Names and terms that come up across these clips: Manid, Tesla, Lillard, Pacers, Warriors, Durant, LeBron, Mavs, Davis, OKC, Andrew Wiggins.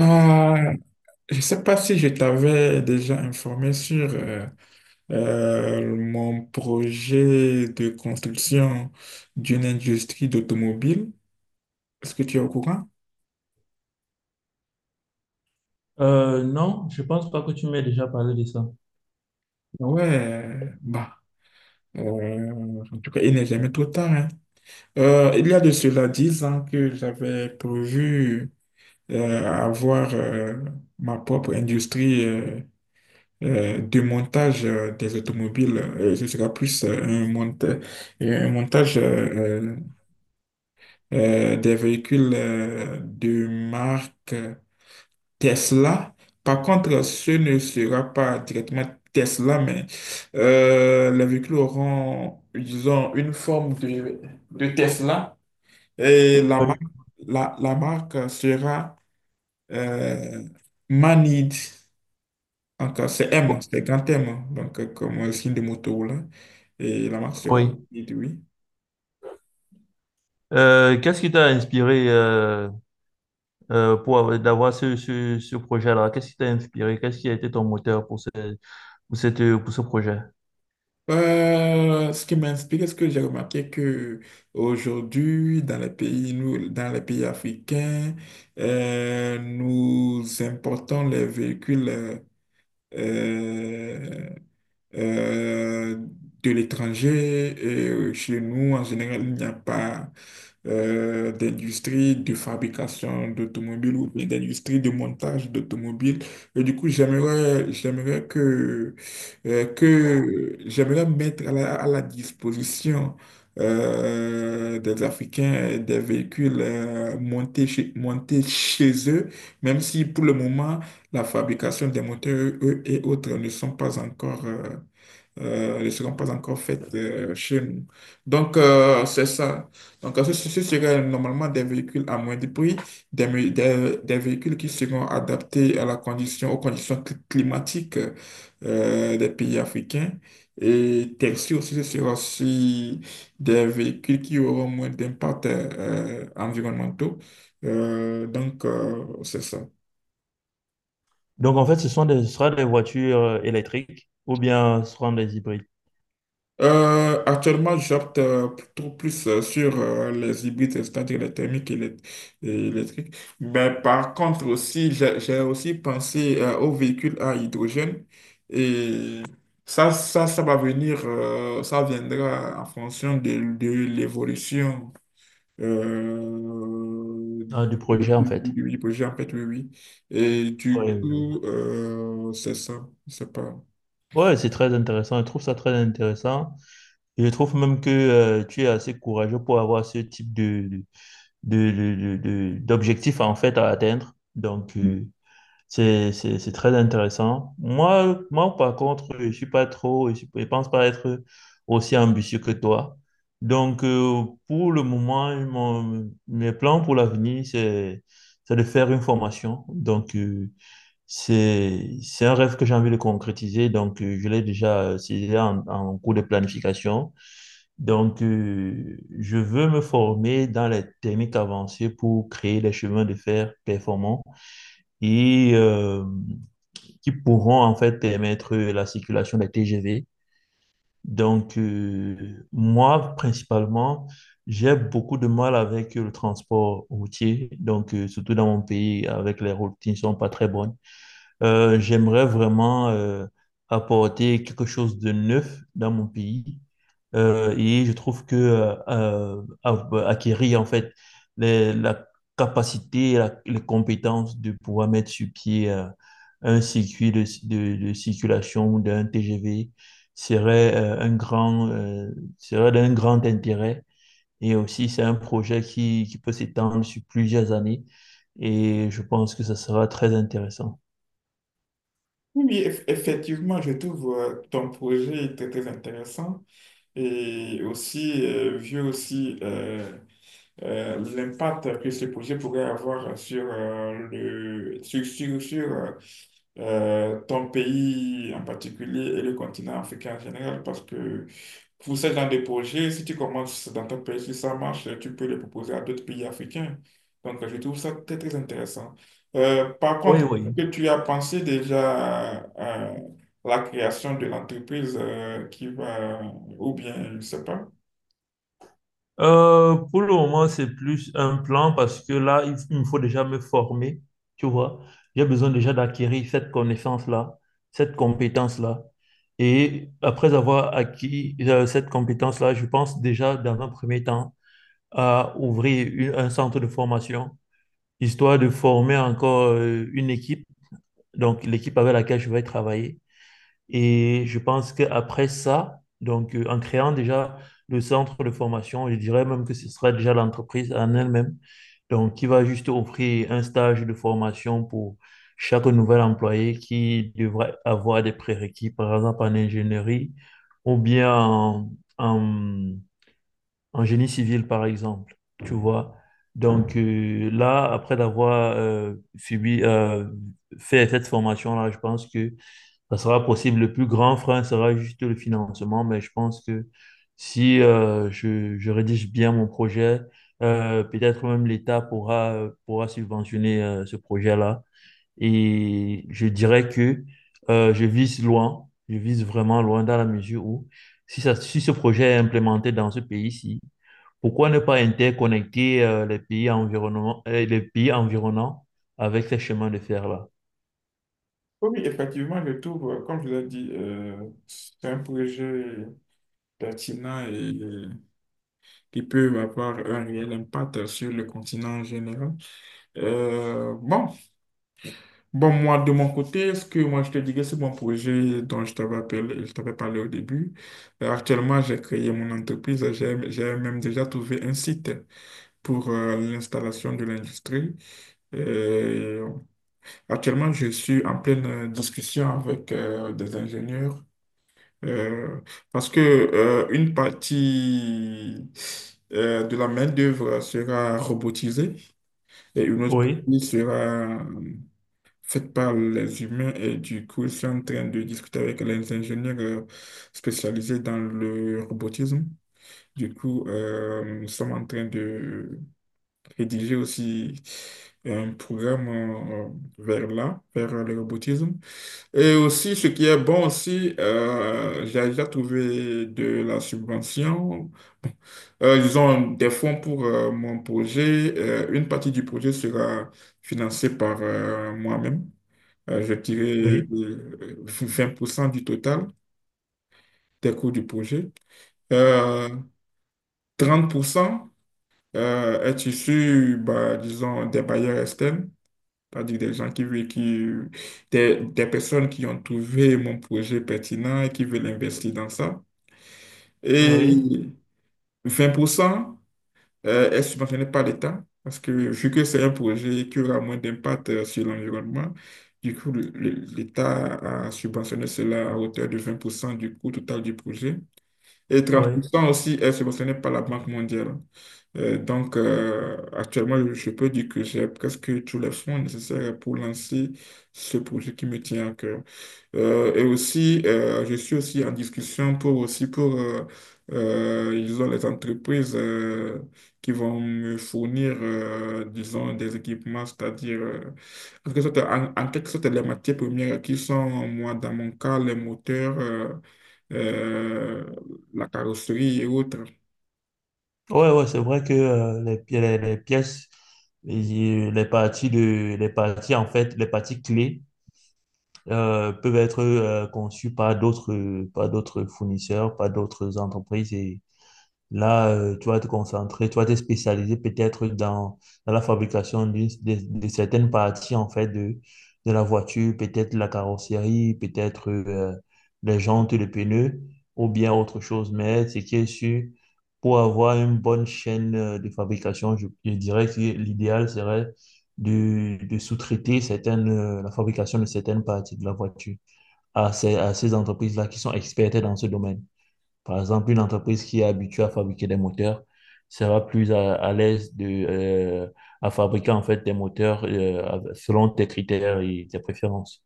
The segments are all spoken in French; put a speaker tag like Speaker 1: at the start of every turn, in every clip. Speaker 1: Ah, je ne sais pas si je t'avais déjà informé sur mon projet de construction d'une industrie d'automobile. Est-ce que tu es au courant?
Speaker 2: Non, je pense pas que tu m'aies déjà parlé de ça.
Speaker 1: Ouais, bah, euh, en tout cas, il n'est jamais trop tard, hein. Il y a de cela 10 ans que j'avais prévu avoir ma propre industrie du montage des automobiles. Euh, ce sera plus un montage des véhicules de marque Tesla. Par contre, ce ne sera pas directement Tesla, mais les véhicules auront, disons, une forme de Tesla, et la
Speaker 2: Oui.
Speaker 1: marque, la marque sera euh, Manid. Encore, c'est M, c'est grand M, hein, donc comme le signe de moto là. Et la marque sera
Speaker 2: Oui.
Speaker 1: petite, oui.
Speaker 2: Qu'est-ce qui t'a inspiré d'avoir ce projet-là? Qu'est-ce qui t'a inspiré? Qu'est-ce qui a été ton moteur pour ce projet?
Speaker 1: Ce qui m'inspire, ce que j'ai remarqué, que aujourd'hui, dans les pays, nous, dans les pays africains, nous importons les véhicules euh, euh, de l'étranger. Et chez nous, en général, il n'y a pas d'industrie de fabrication d'automobiles ou bien d'industrie de montage d'automobiles. Et du coup, j'aimerais que, j'aimerais mettre à la disposition des Africains des véhicules montés chez eux, même si pour le moment, la fabrication des moteurs, eux et autres, ne sont pas encore ne seront pas encore faites chez nous. Donc, c'est ça. Donc, ce serait normalement des véhicules à moindre prix, des véhicules qui seront adaptés à la condition, aux conditions climatiques des pays africains. Et taxi aussi, ce sera aussi des véhicules qui auront moins d'impact environnementaux. C'est ça.
Speaker 2: Donc, en fait, ce sera des voitures électriques ou bien ce seront des hybrides.
Speaker 1: Actuellement, j'opte plutôt plus sur les hybrides, c'est-à-dire les thermiques et les, et électriques. Mais par contre aussi, j'ai aussi pensé aux véhicules à hydrogène, et ça va venir. Euh, ça viendra en fonction de l'évolution euh,
Speaker 2: Ah, du projet, en fait.
Speaker 1: du projet, en fait. Oui, oui. Et du
Speaker 2: Ouais, je vois.
Speaker 1: coup, c'est ça, je sais pas.
Speaker 2: Ouais, c'est très intéressant. Je trouve ça très intéressant. Et je trouve même que tu es assez courageux pour avoir ce type d'objectif, en fait, à atteindre. Donc, Mm. C'est très intéressant. Moi, par contre, je pense pas être aussi ambitieux que toi. Donc, pour le moment, mes plans pour l'avenir, c'est de faire une formation. Donc, c'est un rêve que j'ai envie de concrétiser. Donc, je l'ai déjà, c'est déjà en cours de planification. Donc, je veux me former dans les techniques avancées pour créer des chemins de fer performants. Et qui pourront en fait permettre la circulation des TGV. Donc, moi, principalement, j'ai beaucoup de mal avec le transport routier, donc surtout dans mon pays, avec les routes qui ne sont pas très bonnes. J'aimerais vraiment apporter quelque chose de neuf dans mon pays. Et je trouve que bah, acquérir en fait la capacité, les compétences de pouvoir mettre sur pied un circuit de circulation ou d'un TGV serait un grand serait d'un grand intérêt. Et aussi, c'est un projet qui peut s'étendre sur plusieurs années. Et je pense que ça sera très intéressant.
Speaker 1: Oui, effectivement, je trouve ton projet très, très intéressant, et aussi, vu aussi l'impact que ce projet pourrait avoir sur, ton pays en particulier et le continent africain en général, parce que pour ce genre de projet, si tu commences dans ton pays, si ça marche, tu peux le proposer à d'autres pays africains. Donc, je trouve ça très, très intéressant. Par
Speaker 2: Oui,
Speaker 1: contre, est-ce
Speaker 2: oui.
Speaker 1: que tu as pensé déjà la création de l'entreprise qui va, ou bien, je ne sais pas.
Speaker 2: Pour le moment, c'est plus un plan parce que là, il me faut déjà me former, tu vois. J'ai besoin déjà d'acquérir cette connaissance-là, cette compétence-là. Et après avoir acquis cette compétence-là, je pense déjà dans un premier temps à ouvrir un centre de formation, histoire de former encore une équipe, donc l'équipe avec laquelle je vais travailler et je pense qu'après ça, donc en créant déjà le centre de formation, je dirais même que ce sera déjà l'entreprise en elle-même, donc qui va juste offrir un stage de formation pour chaque nouvel employé qui devrait avoir des prérequis, par exemple en ingénierie ou bien en, en génie civil, par exemple, tu vois. Donc là, fait cette formation-là, je pense que ça sera possible. Le plus grand frein sera juste le financement, mais je pense que si je rédige bien mon projet, peut-être même l'État pourra subventionner ce projet-là. Et je dirais que je vise loin, je vise vraiment loin dans la mesure où si ce projet est implémenté dans ce pays-ci, pourquoi ne pas interconnecter les pays environnants avec ces chemins de fer-là?
Speaker 1: Oui, oui, effectivement, je trouve, comme je l'ai dit, c'est un projet pertinent et qui peut avoir un réel impact sur le continent en général. Euh, bon, Bon, moi, de mon côté, ce que moi je te dirais, c'est mon projet dont je t'avais parlé au début. Actuellement, j'ai créé mon entreprise. J'ai même déjà trouvé un site pour l'installation de l'industrie. Euh, Actuellement, je suis en pleine discussion avec des ingénieurs, euh, parce que une partie de la main-d'œuvre sera robotisée et une autre
Speaker 2: Oui,
Speaker 1: partie sera faites par les humains, et du coup, je suis en train de discuter avec les ingénieurs spécialisés dans le robotisme. Du coup, nous sommes en train de rédiger aussi un programme vers là, vers le robotisme. Et aussi, ce qui est bon aussi, j'ai déjà trouvé de la subvention, ils ont des fonds pour mon projet. Une partie du projet sera financée par moi-même, je dirais
Speaker 2: oui,
Speaker 1: 20% du total des coûts du projet. Euh, 30% est issu, bah, disons, des bailleurs externes, c'est-à-dire des gens qui, veulent- qui des personnes qui ont trouvé mon projet pertinent et qui veulent investir dans ça. Et
Speaker 2: oui,
Speaker 1: 20% est subventionné par l'État, parce que vu que c'est un projet qui aura moins d'impact sur l'environnement, du coup, l'État a subventionné cela à hauteur de 20% du coût total du projet. Et
Speaker 2: oui.
Speaker 1: 30% aussi est subventionné par la Banque mondiale. Actuellement, je peux dire que j'ai presque tous les fonds nécessaires pour lancer ce projet qui me tient à cœur. Et aussi, je suis aussi en discussion pour aussi pour ils ont les entreprises qui vont me fournir, disons, des équipements, c'est-à-dire en quelque sorte, les matières premières qui sont, moi, dans mon cas, les moteurs, euh, la carrosserie et autres.
Speaker 2: Ouais, ouais, c'est vrai que les pièces, les parties de, les parties en fait, les parties clés peuvent être conçues par d'autres fournisseurs, par d'autres entreprises. Là, tu vas te concentrer, tu vas te spécialiser peut-être dans, dans la fabrication de certaines parties en fait de la voiture, peut-être la carrosserie, peut-être les jantes, les pneus ou bien autre chose. Mais ce qui est sûr, pour avoir une bonne chaîne de fabrication, je dirais que l'idéal serait de sous-traiter certaines, la fabrication de certaines parties de la voiture à à ces entreprises-là qui sont expertes dans ce domaine. Par exemple, une entreprise qui est habituée à fabriquer des moteurs sera plus à l'aise à fabriquer en fait des moteurs selon tes critères et tes préférences.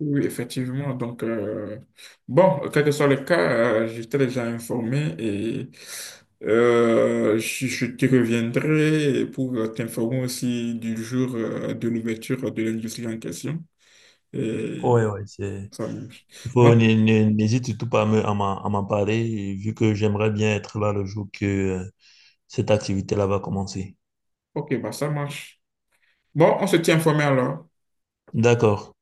Speaker 1: Oui, effectivement. Donc, quel que soit le cas, j'étais déjà informé, et je te reviendrai pour t'informer aussi du jour de l'ouverture de l'industrie en question. Et
Speaker 2: Ouais, ouais, c'est...
Speaker 1: ça marche.
Speaker 2: Il faut,
Speaker 1: Donc,
Speaker 2: n'hé- n'hé- N'hésite surtout pas à m'en à m'en parler, et vu que j'aimerais bien être là le jour que cette activité-là va commencer.
Speaker 1: ok, bah, ça marche. Bon, on se tient informé alors.
Speaker 2: D'accord.